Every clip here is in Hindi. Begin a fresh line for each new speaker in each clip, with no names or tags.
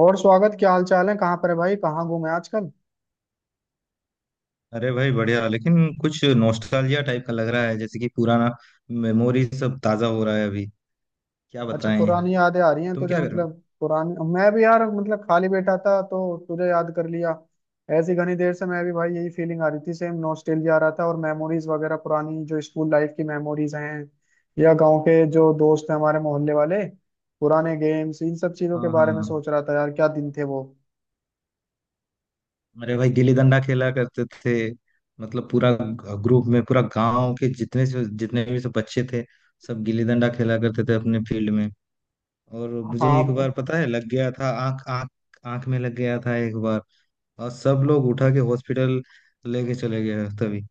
और स्वागत। क्या हाल चाल है? कहाँ पर है भाई? कहाँ घूमे आजकल?
अरे भाई बढ़िया। लेकिन कुछ नॉस्टैल्जिया टाइप का लग रहा है, जैसे कि पुराना मेमोरी सब ताजा हो रहा है अभी। क्या
अच्छा,
बताएं।
पुरानी यादें आ रही हैं
तुम
तुझे,
क्या कर रहे हो?
मतलब। पुरानी मैं भी यार, मतलब खाली बैठा था तो तुझे याद कर लिया। ऐसी घनी देर से मैं भी भाई, यही फीलिंग आ रही थी। सेम नॉस्टैल्जिया आ रहा था और मेमोरीज वगैरह, पुरानी जो स्कूल लाइफ की मेमोरीज हैं, या गांव के जो दोस्त हैं हमारे मोहल्ले वाले, पुराने गेम्स, इन सब चीजों
हाँ,
के
हाँ,
बारे में
हाँ।
सोच रहा था यार। क्या दिन थे वो।
अरे भाई गिल्ली डंडा खेला करते थे। मतलब पूरा ग्रुप में, पूरा गांव के जितने से जितने भी सब बच्चे थे सब गिल्ली डंडा खेला करते थे अपने फील्ड में। और मुझे एक
हाँ।
बार पता है लग गया था आंख आंख आंख में लग गया था एक बार। और सब लोग उठा के हॉस्पिटल लेके चले गए तभी।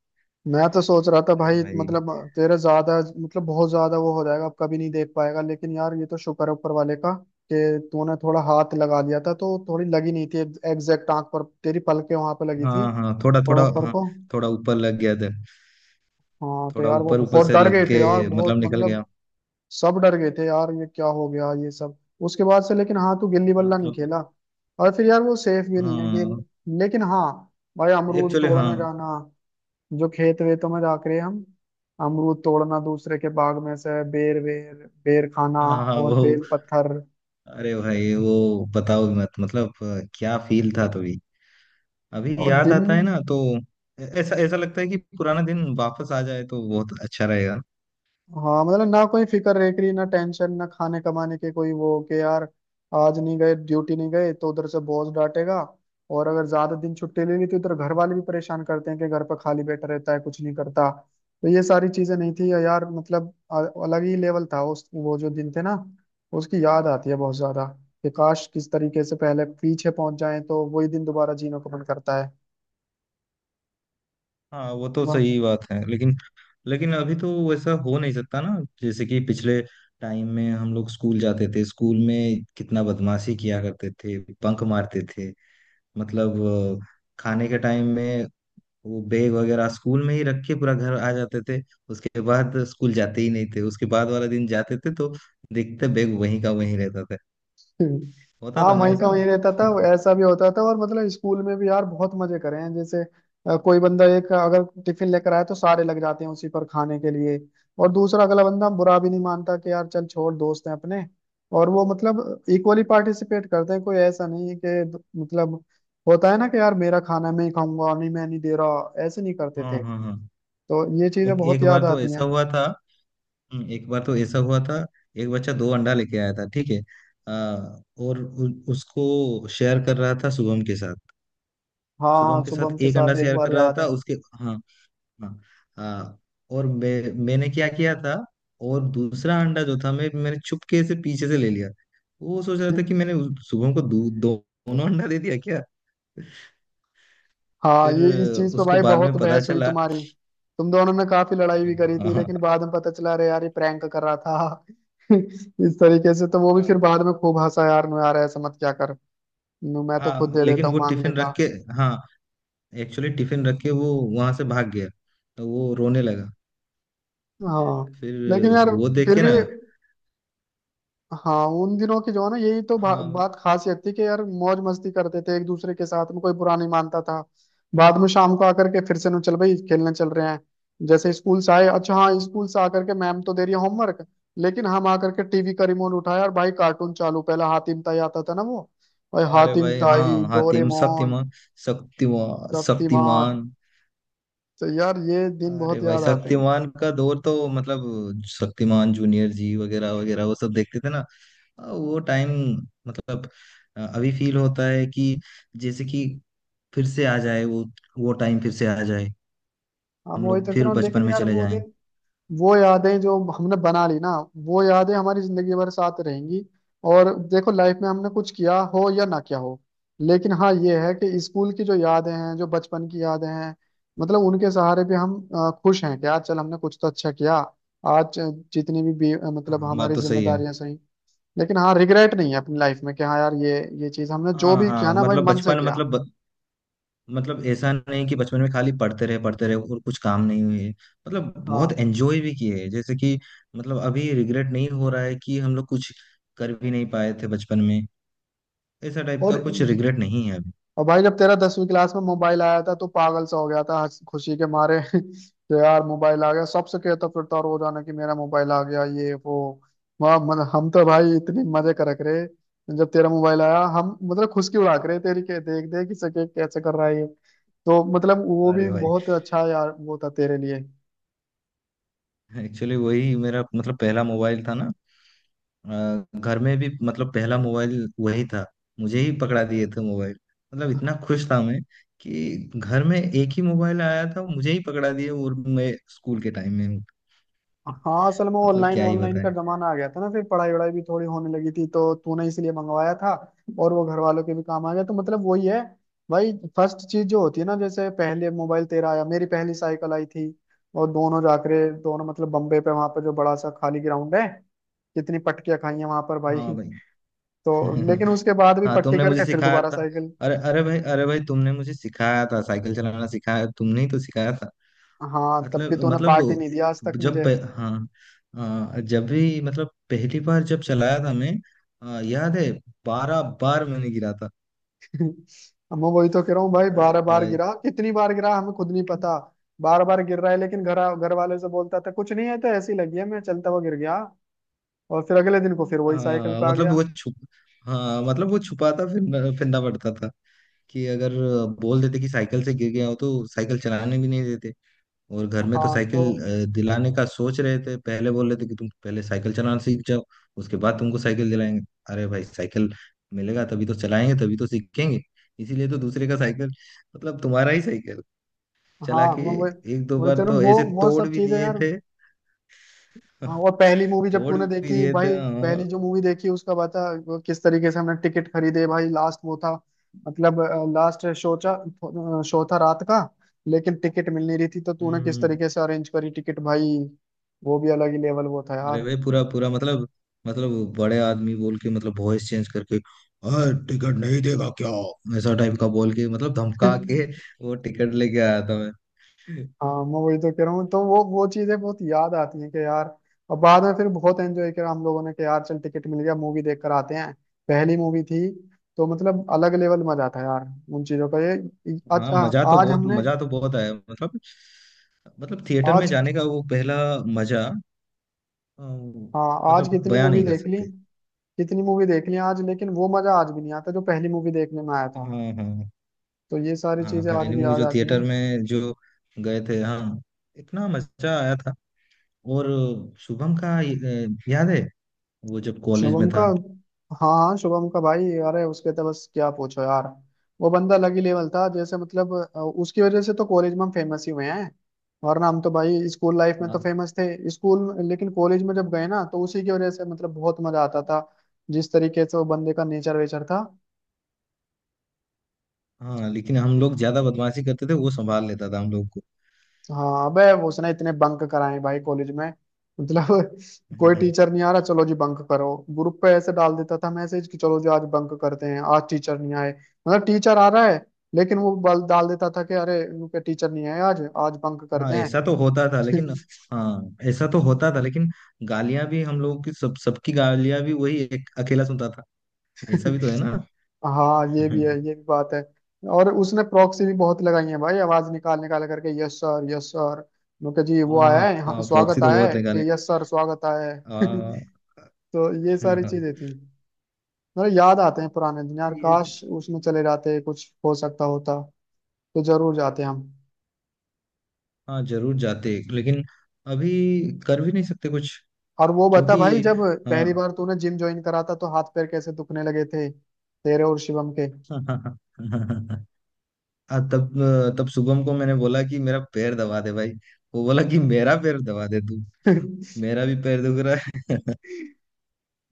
मैं तो सोच रहा था
अरे
भाई,
भाई।
मतलब तेरा ज्यादा, मतलब बहुत ज्यादा वो हो जाएगा, अब कभी नहीं देख पाएगा। लेकिन यार ये तो शुक्र है ऊपर वाले का कि तूने थोड़ा हाथ लगा दिया था तो थोड़ी लगी नहीं थी। एग्जैक्ट आंख पर तेरी पलकें वहां पे लगी थी,
हाँ, हाँ, थोड़ा
थोड़ा
थोड़ा,
ऊपर
हाँ।
को।
थोड़ा ऊपर लग गया था।
हाँ तो
थोड़ा
यार वो
ऊपर ऊपर
बहुत
से
डर
लग
गए थे
के
यार, बहुत
मतलब निकल
मतलब।
गया।
सब डर गए थे यार, ये क्या हो गया ये सब। उसके बाद से लेकिन हाँ, तू गिल्ली बल्ला नहीं
मतलब
खेला। और फिर यार वो सेफ भी नहीं है गेम।
हाँ।
लेकिन हाँ। भाई अमरूद
एक्चुअली हाँ,
तोड़ने जाना, जो खेत वेतों में जाकर हम अमरूद तोड़ना, दूसरे के बाग में से बेर वेर, बेर खाना
हाँ, हाँ,
और
वो।
बेल पत्थर।
अरे भाई वो बताओ ही मत। मतलब क्या फील था तभी। अभी
और
याद
दिन।
आता है ना तो ऐ- ऐसा ऐसा लगता है कि पुराना दिन वापस आ जाए तो बहुत अच्छा रहेगा।
हाँ मतलब ना कोई फिक्र रेकरी, ना टेंशन, ना खाने कमाने के कोई वो, कि यार आज नहीं गए ड्यूटी, नहीं गए तो उधर से बॉस डांटेगा। और अगर ज्यादा दिन छुट्टी ले ली तो इधर घर वाले भी परेशान करते हैं कि घर पर खाली बैठा रहता है कुछ नहीं करता। तो ये सारी चीजें नहीं थी यार, मतलब अलग ही लेवल था, उस वो जो दिन थे ना। उसकी याद आती है बहुत ज्यादा। कि काश किस तरीके से पहले पीछे पहुंच जाए तो वही दिन दोबारा जीने को मन करता है।
हाँ वो तो
वाह।
सही बात है, लेकिन लेकिन अभी तो वैसा हो नहीं सकता ना। जैसे कि पिछले टाइम में हम लोग स्कूल जाते थे। स्कूल में कितना बदमाशी किया करते थे, बंक मारते थे। मतलब अ, खाने के टाइम में वो बैग वगैरह स्कूल में ही रख के पूरा घर आ जाते थे। उसके बाद स्कूल जाते ही नहीं थे, उसके बाद वाला दिन जाते थे तो देखते बैग वहीं का वहीं रहता था।
हम्म,
होता
हाँ,
था ना
वहीं का
ऐसा।
वहीं रहता था। ऐसा भी होता था, और मतलब स्कूल में भी यार बहुत मजे करे हैं, जैसे कोई बंदा एक अगर टिफिन लेकर आए तो सारे लग जाते हैं उसी पर खाने के लिए। और दूसरा अगला बंदा बुरा भी नहीं मानता कि यार, चल छोड़ दोस्त हैं अपने। और वो मतलब इक्वली पार्टिसिपेट करते हैं, कोई ऐसा नहीं है कि मतलब, होता है ना कि यार मेरा खाना मैं ही खाऊंगा और नहीं, मैं नहीं दे रहा, ऐसे नहीं करते
हाँ,
थे।
हाँ, हाँ।
तो ये चीजें
एक एक
बहुत याद
बार तो
आती
ऐसा
हैं।
हुआ था। एक बार तो ऐसा हुआ था। एक बच्चा दो अंडा लेके आया था, ठीक है। आ, और उसको शेयर कर रहा था शुभम के साथ।
हाँ हाँ,
शुभम के
शुभम
साथ
के
एक अंडा
साथ एक
शेयर
बार
कर रहा
याद
था उसके। हाँ, हाँ, हाँ। और मैंने क्या किया था। और दूसरा अंडा जो था मैंने चुपके से पीछे से ले लिया। वो सोच रहा
है।
था कि मैंने शुभम को दो दो- दोनों अंडा दे दिया क्या।
हाँ,
फिर
ये इस चीज पे
उसको
भाई
बाद
बहुत
में पता
बहस हुई
चला।
तुम्हारी। तुम दोनों ने काफी लड़ाई भी करी
हाँ,
थी,
हाँ,
लेकिन बाद में पता चला अरे यार ये प्रैंक कर रहा था। इस तरीके से तो वो भी फिर बाद में खूब हंसा यार, नु यार ऐसा मत क्या कर। नु मैं तो खुद
हाँ,
दे
लेकिन
देता हूँ,
वो
मांग
टिफिन
लेता।
रख के। हाँ एक्चुअली टिफिन रख के वो वहां से भाग गया। तो वो रोने लगा
हाँ
फिर
लेकिन यार,
वो देख
फिर
के
भी।
ना।
हाँ उन दिनों की जो है ना, यही तो
हाँ।
बात खासियत थी कि यार मौज मस्ती करते थे एक दूसरे के साथ में, कोई बुरा नहीं मानता था। बाद में शाम को आकर के फिर से ना, चल भाई खेलने चल रहे हैं। जैसे स्कूल से आए, अच्छा हाँ, स्कूल से आकर के मैम तो दे रही है होमवर्क, लेकिन हम आकर के टीवी का रिमोट उठाया और भाई कार्टून चालू, पहला हातिम ताई आता था ना वो। भाई
अरे
हातिम
भाई।
ताई,
हाँ, हातिम,
डोरेमोन।
शक्तिमान, शक्तिमान,
शक्तिमान।
शक्तिमान।
तो यार ये दिन
अरे
बहुत
भाई
याद आते हैं।
शक्तिमान का दौर तो मतलब शक्तिमान जूनियर जी वगैरह वगैरह वो सब देखते थे ना। वो टाइम, मतलब अभी फील होता है कि जैसे कि फिर से आ जाए वो टाइम फिर से आ जाए।
हम
हम
वही
लोग
तो कह
फिर
रहा हूँ,
बचपन
लेकिन
में
यार
चले
वो
जाएं।
दिन, वो यादें जो हमने बना ली ना, वो यादें हमारी जिंदगी भर साथ रहेंगी। और देखो लाइफ में हमने कुछ किया हो या ना किया हो, लेकिन हाँ ये है कि स्कूल की जो यादें हैं, जो बचपन की यादें हैं, मतलब उनके सहारे भी हम खुश हैं कि यार चल हमने कुछ तो अच्छा किया। आज जितनी भी
हाँ,
मतलब
हाँ, बात
हमारी
तो सही है।
जिम्मेदारियां सही, लेकिन हाँ रिग्रेट नहीं है अपनी लाइफ में, कि हाँ यार ये चीज हमने जो
हाँ,
भी किया
हाँ,
ना भाई,
मतलब
मन से
बचपन,
किया।
मतलब ऐसा नहीं कि बचपन में खाली पढ़ते रहे और कुछ काम नहीं हुए। मतलब बहुत
हाँ।
एंजॉय भी किए हैं। जैसे कि मतलब अभी रिग्रेट नहीं हो रहा है कि हम लोग कुछ कर भी नहीं पाए थे बचपन में। ऐसा टाइप का
और
कुछ रिग्रेट नहीं है अभी।
और भाई जब तेरा 10वीं क्लास में मोबाइल आया था तो पागल सा हो गया था, खुशी के मारे कि यार मोबाइल आ गया, सबसे कहता फिरता रोजाना कि मेरा मोबाइल आ गया ये वो। वाह, मतलब हम तो भाई इतनी मजे करक रहे। जब तेरा मोबाइल आया, हम मतलब खुशकी उड़ा के रहे तेरी, के देख देख कि सके कैसे कर रहा है ये। तो मतलब वो भी
अरे भाई
बहुत अच्छा यार वो था तेरे लिए।
एक्चुअली वही मेरा मतलब पहला मोबाइल था ना। घर में भी मतलब पहला मोबाइल वही था। मुझे ही पकड़ा दिए थे मोबाइल। मतलब इतना खुश था मैं कि घर में एक ही मोबाइल आया था मुझे ही पकड़ा दिए और मैं स्कूल के टाइम में हूँ।
हाँ, असल में
मतलब
ऑनलाइन
क्या ही
ऑनलाइन
बताएं।
का जमाना आ गया था ना, फिर पढ़ाई वढ़ाई भी थोड़ी होने लगी थी, तो तूने इसलिए मंगवाया था। और वो घर वालों के भी काम आ गया, तो मतलब वही है। भाई फर्स्ट चीज जो होती है ना, जैसे पहले मोबाइल तेरा आया, मेरी पहली साइकिल आई थी। और दोनों जाकरे दोनों, मतलब बम्बे पे वहां पर जो बड़ा सा खाली ग्राउंड है, कितनी पटकियां खाई हैं वहां पर भाई।
हाँ भाई।
तो लेकिन उसके बाद भी
हाँ
पट्टी
तुमने मुझे
करके फिर
सिखाया
दोबारा
था।
साइकिल।
अरे, अरे भाई, अरे भाई, तुमने मुझे सिखाया था, साइकिल चलाना सिखाया, तुमने ही तो सिखाया था।
हाँ तब भी
मतलब
तूने
मतलब
पार्टी
वो
नहीं दिया आज तक
जब
मुझे।
पे, हाँ। जब भी मतलब पहली बार जब चलाया था मैं। याद है 12 बार मैंने गिरा था।
अब मैं वही तो कह रहा हूँ भाई,
अरे
12 बार
भाई।
गिरा, कितनी बार गिरा हमें खुद नहीं पता। बार बार गिर रहा है, लेकिन घर घर वाले से बोलता था कुछ नहीं है, तो ऐसी लगी है, मैं चलता हुआ गिर गया। और फिर अगले दिन को फिर वही साइकिल पे आ
मतलब
गया।
वो छुप, हाँ मतलब वो छुपाता फिर फिरना पड़ता था कि अगर बोल देते कि साइकिल से गिर गया हो तो साइकिल चलाने भी नहीं देते। और घर में तो
हाँ तो।
साइकिल दिलाने का सोच रहे थे, पहले बोल रहे थे कि तुम पहले साइकिल चलाना सीख जाओ, उसके बाद तुमको साइकिल दिलाएंगे। अरे भाई साइकिल मिलेगा तभी तो चलाएंगे, तभी तो सीखेंगे। इसीलिए तो दूसरे का साइकिल, मतलब तुम्हारा ही साइकिल चला
हाँ
के
मैं वही
एक दो
वही
बार
तो
तो
वो
ऐसे
वो
तोड़
सब
भी
चीजें
दिए
यार।
थे।
हाँ, और पहली मूवी जब
तोड़
तूने
भी
देखी
दिए थे
भाई, पहली
और
जो मूवी देखी उसका बता। वो किस तरीके से हमने टिकट खरीदे भाई, लास्ट वो था, मतलब लास्ट शो था। शो था रात का, लेकिन टिकट मिल नहीं रही थी, तो तूने किस
हम्म।
तरीके से अरेंज करी टिकट भाई। वो भी अलग ही लेवल वो था
अरे
यार।
भाई पूरा पूरा, मतलब बड़े आदमी बोल के मतलब वॉइस चेंज करके और टिकट नहीं देगा क्या, ऐसा टाइप का बोल के मतलब धमका के वो टिकट लेके आया था।
हाँ मैं वही तो कह रहा हूँ, तो वो चीजें बहुत याद आती हैं कि यार, अब बाद में फिर बहुत एंजॉय करा हम लोगों ने कि यार चल टिकट मिल गया, मूवी देख कर आते हैं। पहली मूवी थी। तो मतलब अलग लेवल मजा था यार, उन चीजों का ये। आज,
हाँ
हाँ आज हमने,
मजा तो बहुत आया, मतलब मतलब थिएटर में
आज
जाने का वो पहला मजा अ,
हाँ आज
मतलब
कितनी
बयां
मूवी
नहीं कर
देख ली,
सकते।
कितनी मूवी देख ली आज, लेकिन वो मजा आज भी नहीं आता जो पहली मूवी देखने में आया था।
हाँ, हाँ,
तो ये सारी
हाँ।
चीजें आज
पहली
भी
मूवी
याद
जो
आती
थिएटर
हैं।
में जो गए थे, हाँ, इतना मजा आया था। और शुभम का याद है वो जब कॉलेज में
शुभम का।
था।
हाँ हाँ, शुभम का भाई, अरे उसके तो बस क्या पूछो यार। वो बंदा अलग ही लेवल था, जैसे मतलब उसकी वजह से तो कॉलेज में हम फेमस ही हुए हैं। वरना हम तो भाई स्कूल लाइफ में तो
हाँ।
फेमस थे लेकिन कॉलेज में जब गए ना तो उसी की वजह से मतलब बहुत मजा आता था। जिस तरीके से वो बंदे का नेचर वेचर था।
हाँ, लेकिन हम लोग ज्यादा बदमाशी करते थे वो संभाल लेता था हम लोग
हाँ अबे, वो उसने इतने बंक कराए भाई कॉलेज में, मतलब कोई
को।
टीचर नहीं आ रहा, चलो जी बंक करो, ग्रुप पे ऐसे डाल देता था मैसेज कि चलो जी आज बंक करते हैं, आज टीचर नहीं आए। मतलब टीचर आ रहा है, लेकिन वो बल डाल देता था कि अरे, इनके टीचर नहीं आए आज, आज बंक करते
हाँ
हैं।
ऐसा तो होता था लेकिन हाँ ऐसा तो होता था, लेकिन गालियां भी हम लोगों की, सब सबकी गालियां भी वही एक अकेला सुनता था। ऐसा भी तो है ना।
हाँ, ये भी है, ये भी बात है। और उसने प्रॉक्सी भी बहुत लगाई है भाई, आवाज निकाल निकाल करके, यस सर, यस सर। उनके जी वो आया
हाँ,
है, हाँ
हाँ, प्रॉक्सी
स्वागत
तो
आया है,
बहुत है गाने,
कि यस सर, स्वागत आया है।
हाँ।
तो ये सारी चीजें थी, मतलब याद आते हैं पुराने दिन यार,
ये,
काश उसमें चले जाते, कुछ हो सकता होता तो जरूर जाते हम।
हाँ जरूर जाते लेकिन अभी कर भी नहीं सकते कुछ
और वो बता
क्योंकि,
भाई, जब पहली
हाँ।
बार तूने जिम ज्वाइन करा था तो हाथ पैर कैसे दुखने लगे थे तेरे और शिवम के।
हाँ, तब तब शुभम को मैंने बोला कि मेरा पैर दबा दे भाई। वो बोला कि मेरा पैर दबा दे तू, मेरा भी पैर दुख रहा है।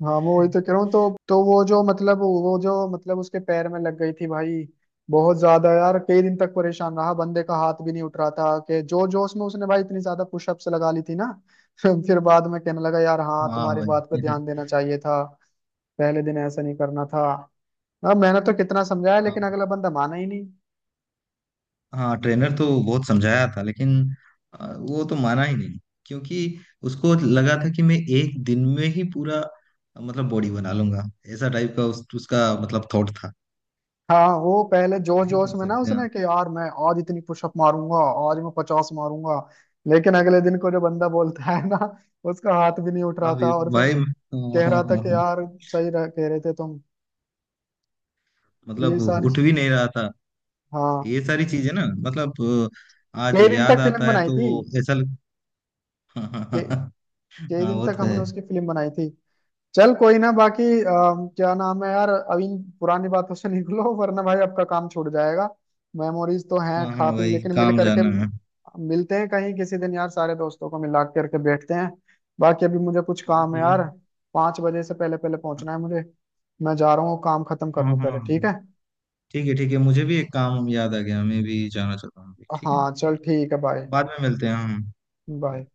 हाँ मैं वही तो कह रहा हूँ, तो वो जो मतलब, वो जो मतलब उसके पैर में लग गई थी भाई, बहुत ज्यादा यार, कई दिन तक परेशान रहा, बंदे का हाथ भी नहीं उठ रहा था, कि जो जोश में उसने भाई इतनी ज्यादा पुशअप्स लगा ली थी ना। फिर बाद में कहने लगा यार, हाँ
हाँ
तुम्हारी बात पे
भाई।
ध्यान देना चाहिए था, पहले दिन ऐसा नहीं करना था। अब मैंने तो कितना समझाया,
हाँ,
लेकिन अगला बंदा माना ही नहीं।
हाँ, ट्रेनर तो बहुत समझाया था, लेकिन वो तो माना ही नहीं, क्योंकि उसको लगा था कि मैं एक दिन में ही पूरा मतलब बॉडी बना लूंगा। ऐसा टाइप का उसका मतलब थॉट था।
हाँ वो पहले
क्या
जोश
ही
जोश
कर
में ना
सकते हैं।
उसने, कि यार मैं आज इतनी पुशअप मारूंगा, आज मैं 50 मारूंगा। लेकिन अगले दिन को जो बंदा बोलता है ना, उसका हाथ भी नहीं उठ रहा
हाँ
था और फिर
भाई। हाँ,
कह
हाँ,
रहा था
हाँ,
कि
हाँ।
यार, सही कह रहे थे तुम। ये
मतलब
सारी।
उठ भी नहीं रहा था।
हाँ,
ये सारी चीजें ना, मतलब आज
कई दिन
याद
तक फिल्म
आता है
बनाई थी,
तो ऐसा लग... हाँ, हाँ,
के-
हाँ।
कई
हाँ
दिन
वो
तक
तो है।
हमने उसकी फिल्म बनाई थी। चल कोई ना, बाकी क्या नाम है यार, अभी इन पुरानी बातों से निकलो वरना भाई आपका काम छूट जाएगा। मेमोरीज तो हैं
हाँ, हाँ
काफी,
भाई
लेकिन मिल
काम
करके
जाना है।
मिलते हैं कहीं किसी दिन यार, सारे दोस्तों को मिला करके बैठते हैं। बाकी अभी मुझे कुछ
ठीक
काम है
है भाई।
यार, 5 बजे से पहले पहले पहुंचना है मुझे। मैं जा रहा हूँ, काम खत्म कर
हाँ,
लूँ
हाँ,
पहले, ठीक
हाँ।
है।
ठीक है, ठीक है, मुझे भी एक काम याद आ गया, मैं भी जाना चाहता हूँ अभी, ठीक है।
हाँ चल ठीक है, बाय।
बाद में मिलते हैं हम।
बाय।